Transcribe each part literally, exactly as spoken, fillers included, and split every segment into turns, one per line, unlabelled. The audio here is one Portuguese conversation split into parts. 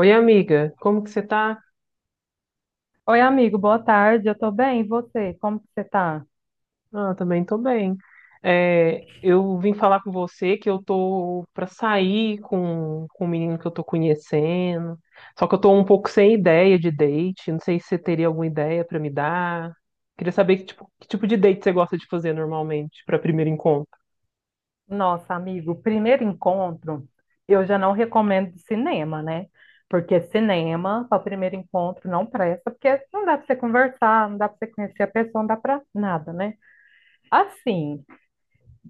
Oi, amiga, como que você tá?
Oi, amigo, boa tarde. Eu tô bem, e você? Como que você tá?
Ah, também tô bem. É, eu vim falar com você que eu tô pra sair com, com um menino que eu tô conhecendo. Só que eu tô um pouco sem ideia de date. Não sei se você teria alguma ideia pra me dar. Queria saber que tipo, que tipo de date você gosta de fazer normalmente pra primeiro encontro.
Nossa, amigo, primeiro encontro, eu já não recomendo de cinema, né? Porque cinema, para o primeiro encontro, não presta, porque não dá para você conversar, não dá para você conhecer a pessoa, não dá para nada, né? Assim,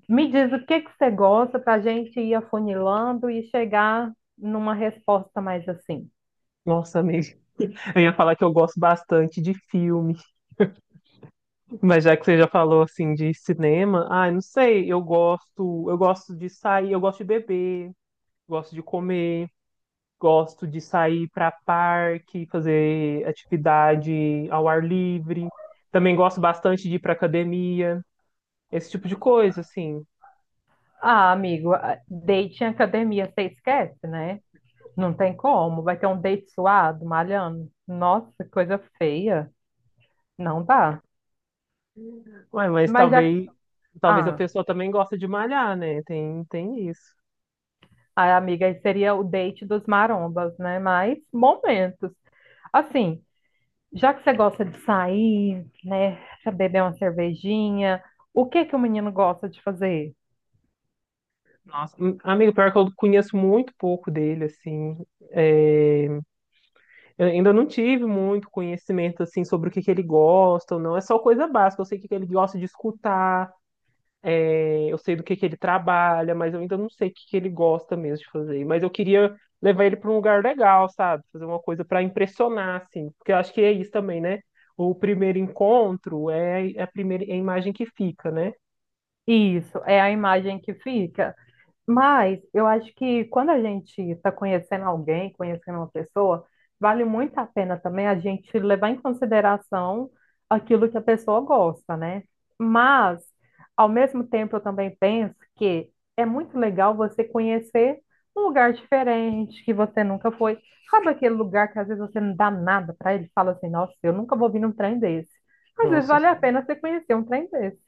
me diz o que que você gosta para a gente ir afunilando e chegar numa resposta mais assim.
Nossa, amiga, eu ia falar que eu gosto bastante de filme, mas já que você já falou assim de cinema, ai, não sei, eu gosto, eu gosto de sair, eu gosto de beber, gosto de comer. Gosto de sair para parque, fazer atividade ao ar livre. Também gosto bastante de ir para academia, esse tipo de coisa, assim.
Ah, amigo, a- date em academia, você esquece, né? Não tem como. Vai ter um date suado, malhando. Nossa, coisa feia. Não dá.
Ué, mas
Mas já.
talvez, talvez a
Ah,
pessoa também gosta de malhar, né? Tem, tem isso.
a amiga, aí seria o date dos marombas, né? Mas momentos. Assim, já que você gosta de sair, né? Pra beber uma cervejinha, o que que o menino gosta de fazer?
Nossa, hum, amigo, pior que eu conheço muito pouco dele, assim. É, eu ainda não tive muito conhecimento, assim, sobre o que que ele gosta ou não. É só coisa básica. Eu sei o que que ele gosta de escutar. Eu sei do que que ele trabalha, mas eu ainda não sei o que que ele gosta mesmo de fazer. Mas eu queria levar ele para um lugar legal, sabe? Fazer uma coisa para impressionar, assim. Porque eu acho que é isso também, né? O primeiro encontro é é a primeira é a imagem que fica, né?
Isso, é a imagem que fica. Mas eu acho que quando a gente está conhecendo alguém, conhecendo uma pessoa, vale muito a pena também a gente levar em consideração aquilo que a pessoa gosta, né? Mas, ao mesmo tempo, eu também penso que é muito legal você conhecer um lugar diferente que você nunca foi. Sabe aquele lugar que às vezes você não dá nada para ele, fala assim, nossa, eu nunca vou vir num trem desse. Às vezes
Nossa,
vale a pena você conhecer um trem desse.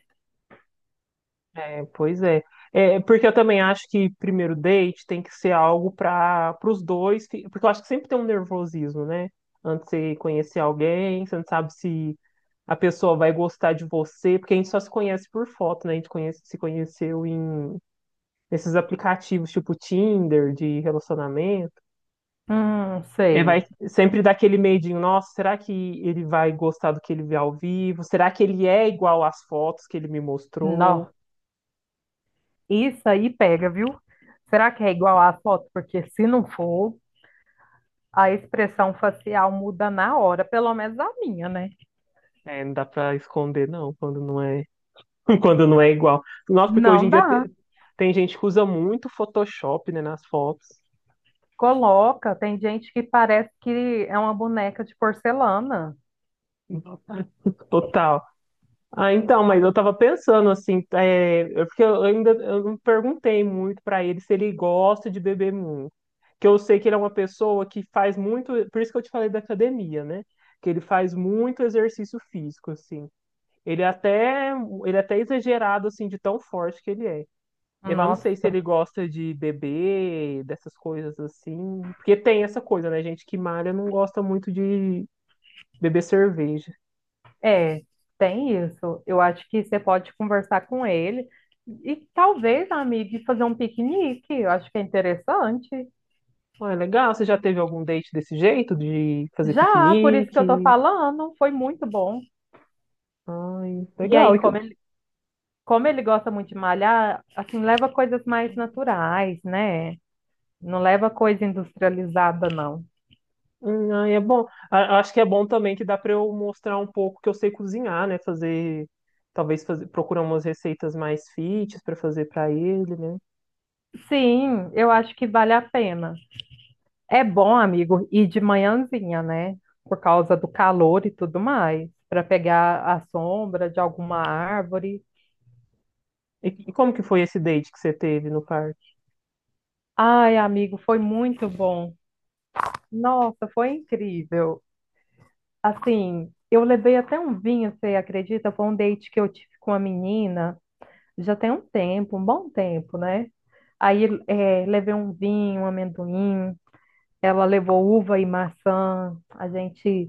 é, pois é. É, porque eu também acho que primeiro date tem que ser algo para os dois, fi- porque eu acho que sempre tem um nervosismo, né? Antes de você conhecer alguém, você não sabe se a pessoa vai gostar de você, porque a gente só se conhece por foto, né? A gente conhece- se conheceu em nesses aplicativos tipo Tinder de relacionamento.
Hum,
É, vai
sei.
sempre dar aquele medinho, nossa, será que ele vai gostar do que ele vê ao vivo? Será que ele é igual às fotos que ele me mostrou?
Não. Isso aí pega, viu? Será que é igual à foto? Porque se não for, a expressão facial muda na hora, pelo menos a minha, né?
É, não dá pra esconder, não, quando não é quando não é igual. Nossa, porque hoje
Não
em dia
dá.
te- tem gente que usa muito Photoshop, né, nas fotos.
Coloca, tem gente que parece que é uma boneca de porcelana.
Total. Ah, então, mas eu tava pensando assim, é, eu- porque eu ainda eu não perguntei muito pra ele se ele gosta de beber muito. Que eu sei que ele é uma pessoa que faz muito, por isso que eu te falei da academia, né? Que ele faz muito exercício físico, assim. Ele é até, Ele é até exagerado, assim, de tão forte que ele é. Eu não sei se
Nossa,
ele gosta de beber, dessas coisas assim. Porque tem essa coisa, né? Gente que malha não gosta muito de beber cerveja.
é, tem isso. Eu acho que você pode conversar com ele e talvez, amiga, e fazer um piquenique. Eu acho que é interessante.
Ah, é legal. Você já teve algum date desse jeito? De fazer
Já, por isso que eu tô
piquenique?
falando, foi muito bom.
Ai,
E
legal.
aí,
E que-
como como ele gosta muito de malhar, assim, leva coisas mais naturais, né? Não leva coisa industrializada, não.
hum, ai, é bom. A- Acho que é bom também que dá pra eu mostrar um pouco que eu sei cozinhar, né? Fazer. Talvez fazer, procurar umas receitas mais fit pra fazer pra ele, né?
Sim, eu acho que vale a pena. É bom, amigo, ir de manhãzinha, né? Por causa do calor e tudo mais, para pegar a sombra de alguma árvore.
E e como que foi esse date que você teve no parque?
Ai, amigo, foi muito bom. Nossa, foi incrível. Assim, eu levei até um vinho, você acredita? Foi um date que eu tive com uma menina. Já tem um tempo, um bom tempo, né? Aí eh, levei um vinho, um amendoim, ela levou uva e maçã, a gente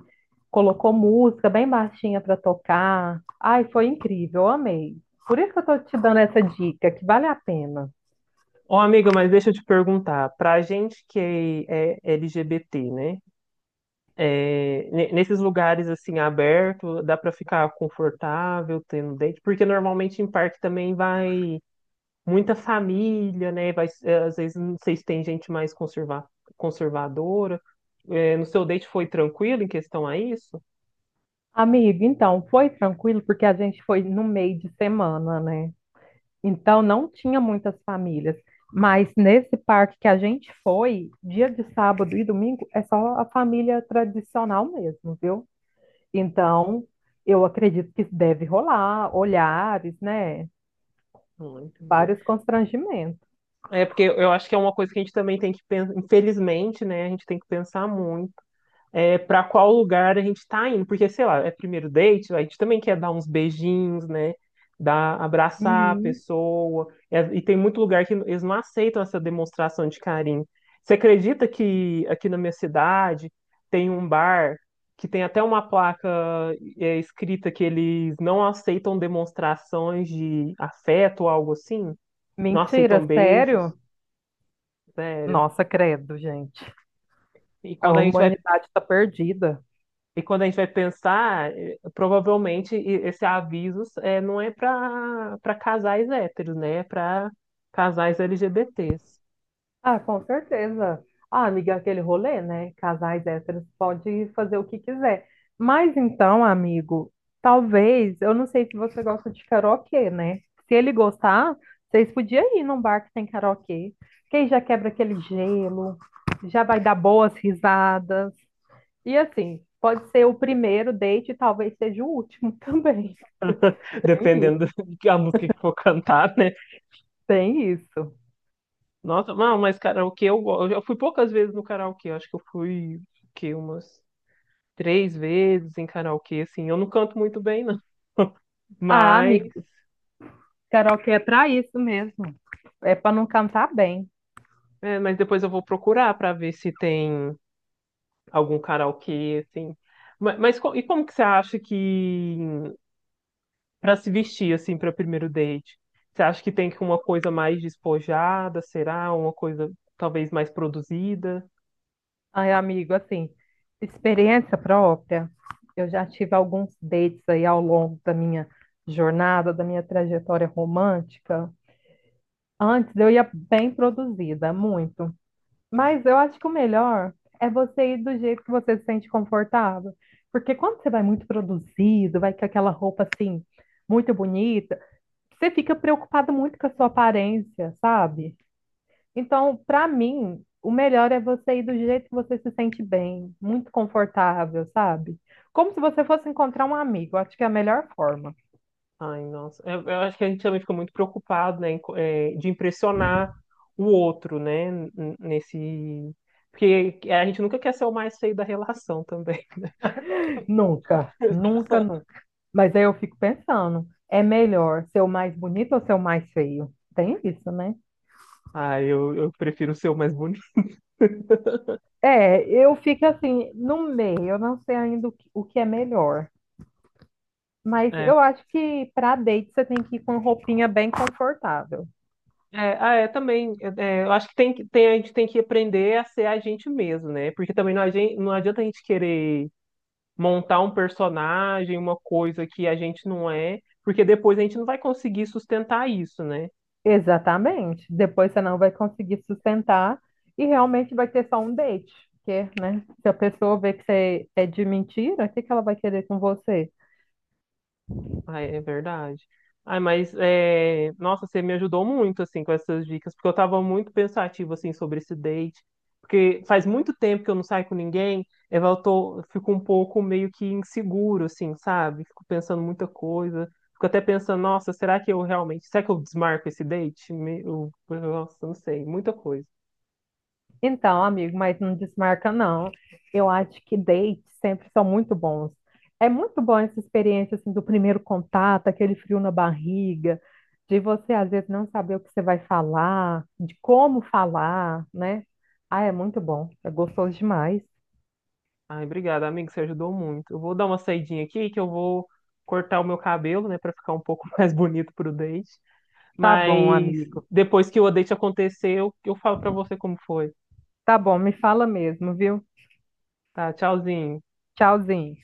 colocou música bem baixinha para tocar. Ai, foi incrível, eu amei. Por isso que eu tô te dando essa dica, que vale a pena.
Ô, amiga, mas deixa eu te perguntar, pra gente que é L G B T, né? É, ne- nesses lugares assim aberto, dá pra ficar confortável tendo date? Porque normalmente em parque também vai muita família, né? Vai, é, às vezes não sei se tem gente mais conserva- conservadora. É, no seu date foi tranquilo em questão a isso?
Amigo, então, foi tranquilo porque a gente foi no meio de semana, né? Então não tinha muitas famílias, mas nesse parque que a gente foi, dia de sábado e domingo, é só a família tradicional mesmo, viu? Então eu acredito que deve rolar olhares, né?
Não entendi.
Vários constrangimentos.
É porque eu acho que é uma coisa que a gente também tem que pensar, infelizmente, né? A gente tem que pensar muito. É, para qual lugar a gente tá indo. Porque, sei lá, é primeiro date, a gente também quer dar uns beijinhos, né? Dar, abraçar a
Uhum.
pessoa. É, e tem muito lugar que eles não aceitam essa demonstração de carinho. Você acredita que aqui na minha cidade tem um bar que tem até uma placa, é, escrita que eles não aceitam demonstrações de afeto ou algo assim? Não
Mentira,
aceitam beijos?
sério?
Sério.
Nossa, credo, gente.
E
A
quando a gente vai
humanidade está perdida.
E quando a gente vai pensar, eh, provavelmente e- esse aviso, eh, não é para para casais héteros, né? É para casais L G B T s.
Ah, com certeza. Ah, amiga, aquele rolê, né? Casais héteros pode fazer o que quiser. Mas então, amigo, talvez, eu não sei se você gosta de karaokê, né? Se ele gostar, vocês podiam ir num bar que tem karaokê. Que aí já quebra aquele gelo, já vai dar boas risadas. E assim, pode ser o primeiro date e talvez seja o último também. Tem isso.
Dependendo da música que for cantar, né?
Tem isso.
Nossa, não, mas karaokê eu gosto. Eu fui poucas vezes no karaokê. Eu Acho que eu fui, que umas três vezes em karaokê, assim. Eu não canto muito bem, não.
Ah,
Mas,
amigo, karaokê é pra isso mesmo. É pra não cantar bem.
é, mas depois eu vou procurar para ver se tem algum karaokê, assim. Ma- Mas, co- e como que você acha que para se vestir assim para primeiro date? Você acha que tem que uma coisa mais despojada, será? Uma coisa talvez mais produzida?
Ai, amigo, assim, experiência própria, eu já tive alguns dates aí ao longo da minha jornada, da minha trajetória romântica. Antes eu ia bem produzida, muito. Mas eu acho que o melhor é você ir do jeito que você se sente confortável. Porque quando você vai muito produzido, vai com aquela roupa assim, muito bonita, você fica preocupado muito com a sua aparência, sabe? Então, para mim, o melhor é você ir do jeito que você se sente bem, muito confortável, sabe? Como se você fosse encontrar um amigo. Acho que é a melhor forma.
Ai, nossa. Eu, eu acho que a gente também fica muito preocupado, né, em co- eh, de impressionar o outro, né, n- n- nesse. Porque a gente nunca quer ser o mais feio da relação também.
Nunca, nunca, nunca. Mas aí eu fico pensando, é melhor ser o mais bonito ou ser o mais feio? Tem isso, né?
Ah, eu, eu prefiro ser o mais bonito.
É, eu fico assim, no meio, eu não sei ainda o que, o que é melhor. Mas
É,
eu acho que para date você tem que ir com roupinha bem confortável.
é, ah, é também. É, é, eu acho que tem, que- tem, a gente tem que aprender a ser a gente mesmo, né? Porque também não, a gente, não adianta a gente querer montar um personagem, uma coisa que a gente não é, porque depois a gente não vai conseguir sustentar isso, né?
Exatamente. Depois você não vai conseguir sustentar e realmente vai ter só um date. Porque, né? Se a pessoa vê que você é de mentira, o que que ela vai querer com você?
Ah, é verdade. Ai, mas é, nossa, você me ajudou muito assim com essas dicas, porque eu estava muito pensativo assim sobre esse date, porque faz muito tempo que eu não saio com ninguém, eu vou- tô fico um pouco meio que inseguro assim, sabe? Fico pensando muita coisa, fico até pensando, nossa, será que eu realmente, será que eu desmarco esse date? Me- eu- nossa, não sei, muita coisa.
Então, amigo, mas não desmarca, não. Eu acho que dates sempre são muito bons. É muito bom essa experiência assim, do primeiro contato, aquele frio na barriga, de você às vezes não saber o que você vai falar, de como falar, né? Ah, é muito bom. É gostoso demais.
Ai, obrigado, amigo, você ajudou muito. Eu vou dar uma saidinha aqui que eu vou cortar o meu cabelo, né, para ficar um pouco mais bonito pro date.
Tá bom,
Mas
amigo.
depois que o date acontecer, eu, eu falo pra você como foi.
Tá bom, me fala mesmo, viu?
Tá, tchauzinho.
Tchauzinho.